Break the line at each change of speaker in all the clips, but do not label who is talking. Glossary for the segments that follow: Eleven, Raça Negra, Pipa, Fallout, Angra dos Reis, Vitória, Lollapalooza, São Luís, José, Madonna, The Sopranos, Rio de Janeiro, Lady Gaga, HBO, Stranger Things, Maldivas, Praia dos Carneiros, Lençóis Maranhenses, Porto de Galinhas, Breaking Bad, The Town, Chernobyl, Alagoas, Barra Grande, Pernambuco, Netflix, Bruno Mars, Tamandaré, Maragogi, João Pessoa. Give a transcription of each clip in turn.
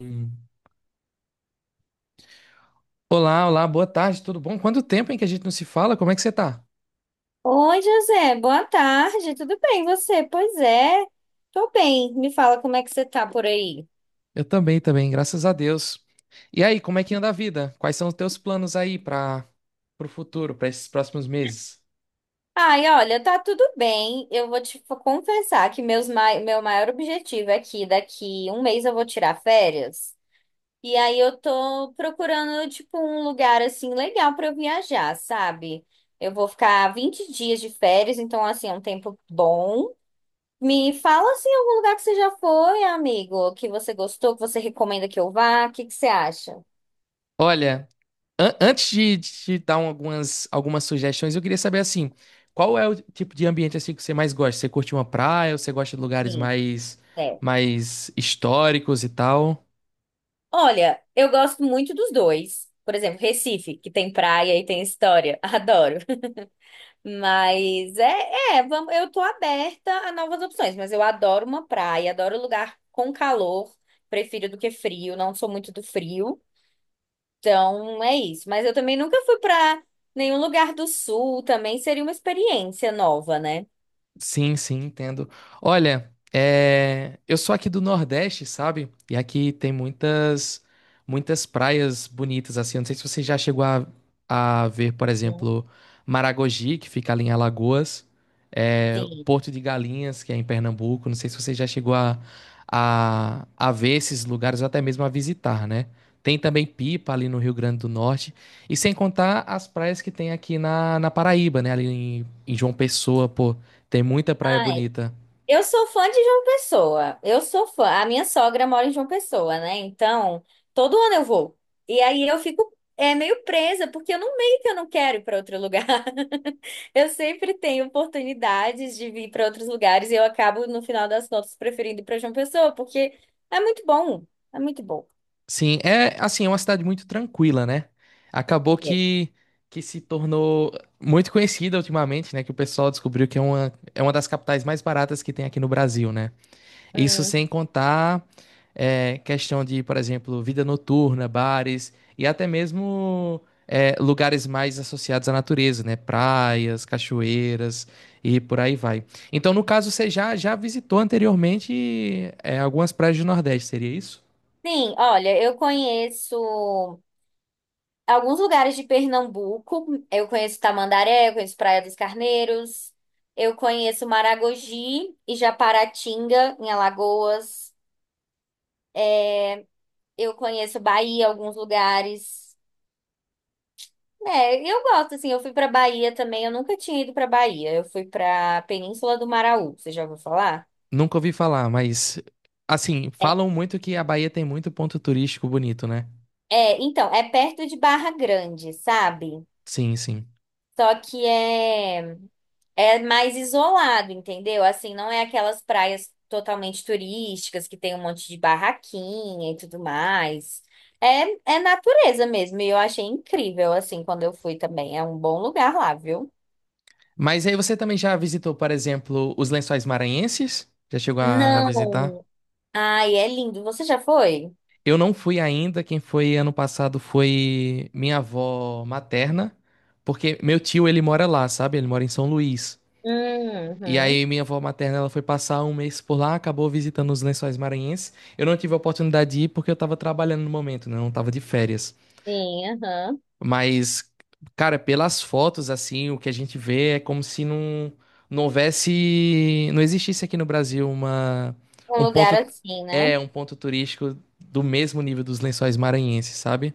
Hum. Olá, olá, boa tarde, tudo bom? Quanto tempo, hein, que a gente não se fala? Como é que você tá?
Oi, José, boa tarde, tudo bem e você? Pois é, tô bem. Me fala como é que você tá por aí.
Eu também, também, graças a Deus. E aí, como é que anda a vida? Quais são os teus planos aí para o futuro, para esses próximos meses?
Ai, olha, tá tudo bem. Eu vou confessar que meu maior objetivo é que daqui um mês eu vou tirar férias. E aí eu tô procurando, tipo, um lugar assim legal pra eu viajar, sabe? Eu vou ficar 20 dias de férias, então assim, é um tempo bom. Me fala assim algum lugar que você já foi, amigo, que você gostou, que você recomenda que eu vá, o que que você acha?
Olha, antes de te dar algumas, algumas sugestões, eu queria saber assim, qual é o tipo de ambiente assim que você mais gosta? Você curte uma praia ou você gosta de
Sim, é.
mais históricos e tal?
Olha, eu gosto muito dos dois. Por exemplo, Recife, que tem praia e tem história. Adoro. Mas vamos, eu tô aberta a novas opções, mas eu adoro uma praia, adoro lugar com calor, prefiro do que frio, não sou muito do frio. Então é isso. Mas eu também nunca fui pra nenhum lugar do sul, também seria uma experiência nova, né?
Sim, sim, entendo. Olha, é, eu sou aqui do Nordeste, sabe? E aqui tem muitas praias bonitas, assim. Eu não sei se você já chegou a ver, por exemplo, Maragogi, que fica ali em Alagoas, é,
Sim.
Porto de Galinhas, que é em Pernambuco. Não sei se você já chegou a ver esses lugares ou até mesmo a visitar, né? Tem também Pipa ali no Rio Grande do Norte. E sem contar as praias que tem aqui na Paraíba, né? Ali em João Pessoa, pô. Tem muita praia
Ah, é.
bonita.
Eu sou fã de João Pessoa. Eu sou fã. A minha sogra mora em João Pessoa, né? Então, todo ano eu vou. E aí eu fico meio presa, porque eu não meio que eu não quero ir para outro lugar. Eu sempre tenho oportunidades de vir para outros lugares e eu acabo, no final das contas, preferindo ir para João Pessoa, porque é muito bom. É muito bom.
Sim, é assim, é uma cidade muito tranquila, né? Acabou
É.
que, que se tornou muito conhecida ultimamente, né? Que o pessoal descobriu que é é uma das capitais mais baratas que tem aqui no Brasil, né? Isso
Hum.
sem contar é, questão de, por exemplo, vida noturna, bares e até mesmo é, lugares mais associados à natureza, né? Praias, cachoeiras e por aí vai. Então, no caso, você já visitou anteriormente é, algumas praias do Nordeste, seria isso?
Sim, olha, eu conheço. Alguns lugares de Pernambuco, eu conheço Tamandaré, eu conheço Praia dos Carneiros, eu conheço Maragogi e Japaratinga, em Alagoas. Eu conheço Bahia, alguns lugares. É, eu gosto, assim, eu fui pra Bahia também, eu nunca tinha ido pra Bahia. Eu fui pra Península do Maraú, você já ouviu falar?
Nunca ouvi falar, mas assim,
É,
falam muito que a Bahia tem muito ponto turístico bonito, né?
então, é perto de Barra Grande, sabe?
Sim, sim.
Só que é É mais isolado, entendeu? Assim, não é aquelas praias totalmente turísticas que tem um monte de barraquinha e tudo mais. É, é natureza mesmo. E eu achei incrível, assim, quando eu fui também. É um bom lugar lá, viu?
Mas aí você também já visitou, por exemplo, os Lençóis Maranhenses? Já chegou a visitar?
Não. Ai, é lindo. Você já foi?
Eu não fui ainda, quem foi ano passado foi minha avó materna, porque meu tio ele mora lá, sabe? Ele mora em São Luís. E
Uhum.
aí minha avó materna ela foi passar um mês por lá, acabou visitando os Lençóis Maranhenses. Eu não tive a oportunidade de ir porque eu tava trabalhando no momento, né? Eu não tava de férias.
Sim, aham.
Mas, cara, pelas fotos assim, o que a gente vê é como se não houvesse, não existisse aqui no Brasil uma
Um
um
lugar
ponto
assim, né?
é um ponto turístico do mesmo nível dos Lençóis Maranhenses, sabe?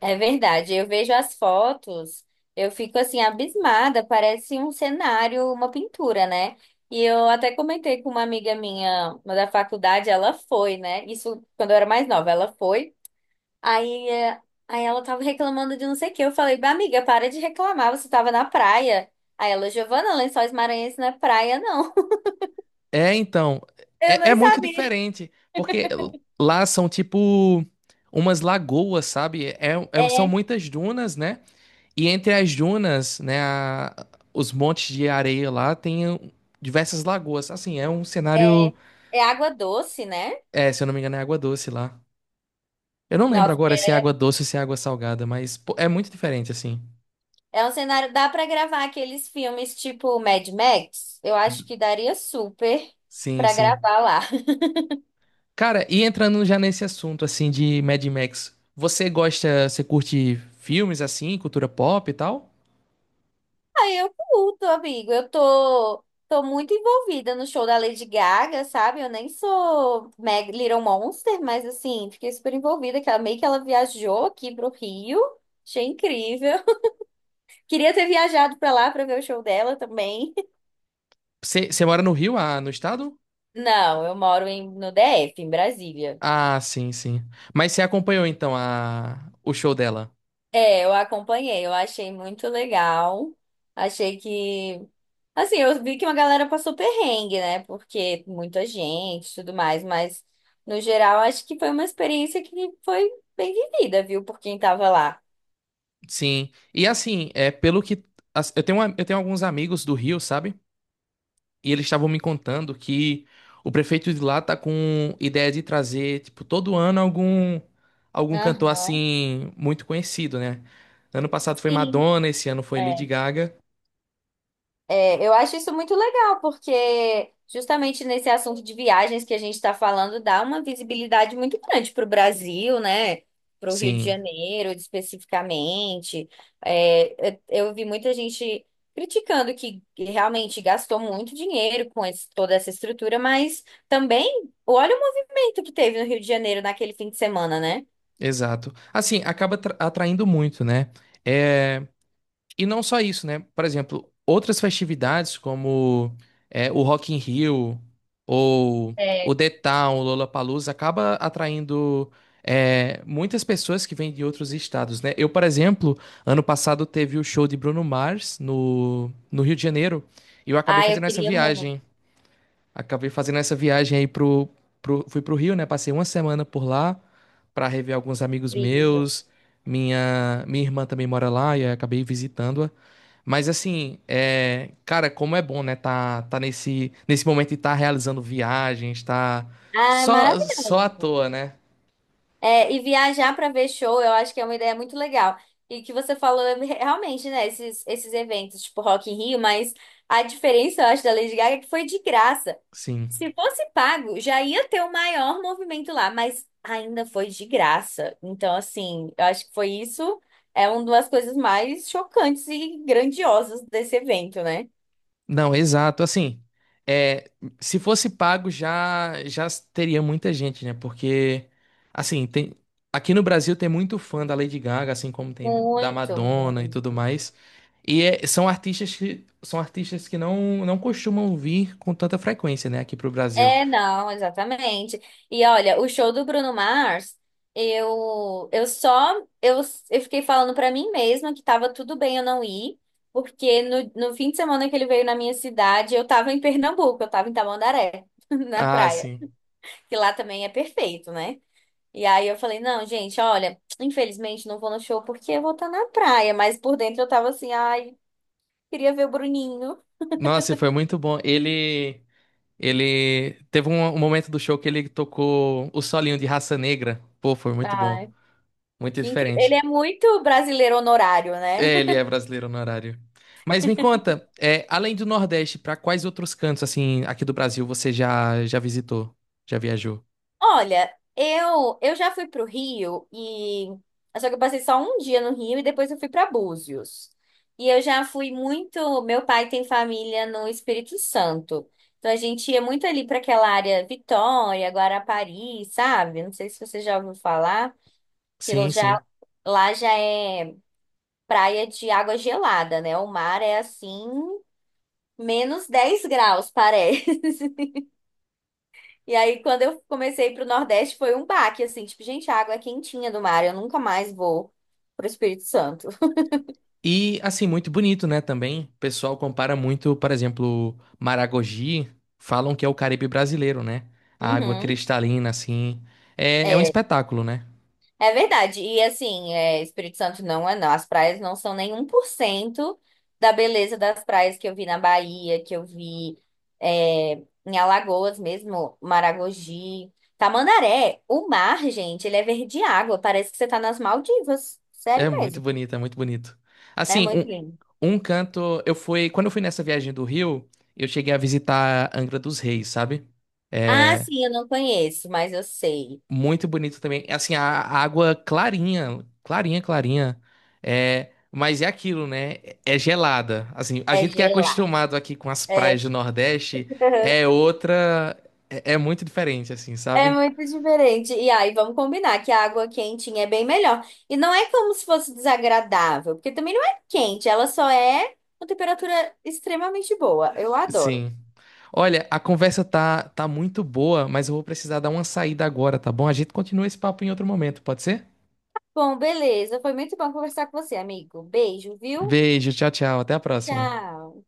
É verdade, eu vejo as fotos, eu fico assim abismada, parece um cenário, uma pintura, né? E eu até comentei com uma amiga minha, uma da faculdade, ela foi, né? Isso quando eu era mais nova, ela foi. Aí, aí ela tava reclamando de não sei o quê. Eu falei, "Bah, amiga, para de reclamar, você tava na praia. Aí ela, Giovana, Lençóis Maranhenses não é praia, não."
É, então,
Eu
é
nem
muito
sabia.
diferente, porque lá são tipo umas lagoas, sabe? É, são
É,
muitas dunas, né? E entre as dunas, né, os montes de areia lá tem diversas lagoas. Assim, é um cenário,
é, é água doce, né?
é, se eu não me engano, é água doce lá. Eu não lembro agora se é água doce ou se é água salgada, mas pô, é muito diferente, assim.
É um cenário, dá pra gravar aqueles filmes tipo Mad Max? Eu acho que daria super
Sim,
pra
sim.
gravar lá.
Cara, e entrando já nesse assunto, assim, de Mad Max, você gosta, você curte filmes, assim, cultura pop e tal?
Aí eu curto, amigo. Tô muito envolvida no show da Lady Gaga, sabe? Eu nem sou Meg Little Monster, mas assim, fiquei super envolvida, que ela meio que ela viajou aqui pro Rio. Achei incrível. Queria ter viajado pra lá pra ver o show dela também.
Você mora no Rio, ah, no estado?
Não, eu moro no DF, em Brasília.
Ah, sim, sim. Mas você acompanhou então a o show dela?
É, eu acompanhei, eu achei muito legal. Achei que. Assim, eu vi que uma galera passou perrengue, né? Porque muita gente e tudo mais, mas no geral acho que foi uma experiência que foi bem vivida, viu, por quem tava lá.
Sim. E assim, é pelo que eu tenho eu tenho alguns amigos do Rio, sabe? E eles estavam me contando que o prefeito de lá tá com ideia de trazer, tipo, todo ano algum cantor
Aham.
assim muito conhecido, né? Ano passado foi
Sim.
Madonna, esse ano foi Lady
É.
Gaga.
É, eu acho isso muito legal, porque justamente nesse assunto de viagens que a gente está falando, dá uma visibilidade muito grande para o Brasil, né? Para o Rio de
Sim,
Janeiro, especificamente. É, eu, eu vi muita gente criticando que realmente gastou muito dinheiro com toda essa estrutura, mas também olha o movimento que teve no Rio de Janeiro naquele fim de semana, né?
exato. Assim, acaba atraindo muito, né? É. E não só isso, né? Por exemplo, outras festividades como é, o Rock in Rio ou o
É.
The Town, o Lollapalooza, acaba atraindo é, muitas pessoas que vêm de outros estados, né? Eu, por exemplo, ano passado teve o show de Bruno Mars no Rio de Janeiro e eu acabei
Ah, eu
fazendo essa
queria muito.
viagem. Acabei fazendo essa viagem fui pro Rio, né? Passei uma semana por lá para rever alguns amigos
Incrível.
meus. Minha irmã também mora lá e aí acabei visitando-a. Mas assim, é, cara, como é bom, né? Tá nesse momento de estar realizando viagens, tá
Ah, é
só à
maravilhoso.
toa, né?
É, e viajar para ver show, eu acho que é uma ideia muito legal. E que você falou é realmente, né, esses eventos, tipo Rock in Rio, mas a diferença, eu acho, da Lady Gaga é que foi de graça.
Sim.
Se fosse pago, já ia ter o maior movimento lá, mas ainda foi de graça. Então, assim, eu acho que foi isso, é uma das coisas mais chocantes e grandiosas desse evento, né?
Não, exato. Assim, é, se fosse pago já teria muita gente, né? Porque assim, tem aqui no Brasil tem muito fã da Lady Gaga, assim como tem da
Muito,
Madonna e
muito.
tudo mais. E são artistas que não costumam vir com tanta frequência, né, aqui pro Brasil.
É, não, exatamente. E olha, o show do Bruno Mars, eu eu só eu, eu fiquei falando pra mim mesma que tava tudo bem eu não ir, porque no fim de semana que ele veio na minha cidade, eu tava em Pernambuco, eu tava em Tamandaré, na
Ah,
praia,
sim.
que lá também é perfeito, né? E aí eu falei, não, gente, olha, infelizmente não vou no show porque eu vou estar na praia, mas por dentro eu tava assim, ai, queria ver o Bruninho.
Nossa, e foi muito bom. Ele teve um momento do show que ele tocou o solinho de Raça Negra. Pô, foi muito bom,
Ai,
muito
que incrível.
diferente.
Ele é muito brasileiro honorário, né?
É, ele é brasileiro no horário. Mas me conta, é, além do Nordeste, para quais outros cantos assim aqui do Brasil você já visitou? Já viajou?
Olha, eu já fui pro Rio e só que eu passei só um dia no Rio e depois eu fui para Búzios. E eu já fui muito, meu pai tem família no Espírito Santo. Então a gente ia muito ali para aquela área Vitória, Guarapari, sabe? Não sei se você já ouviu falar que
Sim, sim.
lá já é praia de água gelada, né? O mar é assim, menos 10 graus, parece. E aí, quando eu comecei a ir pro Nordeste, foi um baque, assim, tipo, gente, a água é quentinha do mar, eu nunca mais vou pro Espírito Santo.
E assim, muito bonito, né, também. O pessoal compara muito, por exemplo, Maragogi, falam que é o Caribe brasileiro, né? A água
Uhum,
cristalina assim. É, é um
é,
espetáculo, né?
é verdade. E assim, é, Espírito Santo não é não. As praias não são nem 1% da beleza das praias que eu vi na Bahia, que eu vi é, em Alagoas mesmo, Maragogi. Tamandaré, o mar, gente, ele é verde água, parece que você tá nas Maldivas.
É
Sério
muito
mesmo.
bonito, é muito bonito.
É
Assim,
muito lindo.
um canto, eu fui, quando eu fui nessa viagem do Rio, eu cheguei a visitar Angra dos Reis, sabe?
Ah,
É,
sim, eu não conheço, mas eu sei.
muito bonito também. É, assim, a água clarinha, clarinha, clarinha. É, mas é aquilo, né? É gelada. Assim, a
É
gente que é
gelado.
acostumado aqui com as praias
É.
do Nordeste é é, é muito diferente, assim,
É
sabe?
muito diferente. E aí, vamos combinar que a água quentinha é bem melhor. E não é como se fosse desagradável, porque também não é quente, ela só é uma temperatura extremamente boa. Eu adoro.
Sim. Olha, a conversa tá muito boa, mas eu vou precisar dar uma saída agora, tá bom? A gente continua esse papo em outro momento, pode ser?
Bom, beleza. Foi muito bom conversar com você, amigo. Beijo, viu?
Beijo, tchau, tchau, até a próxima.
Tchau.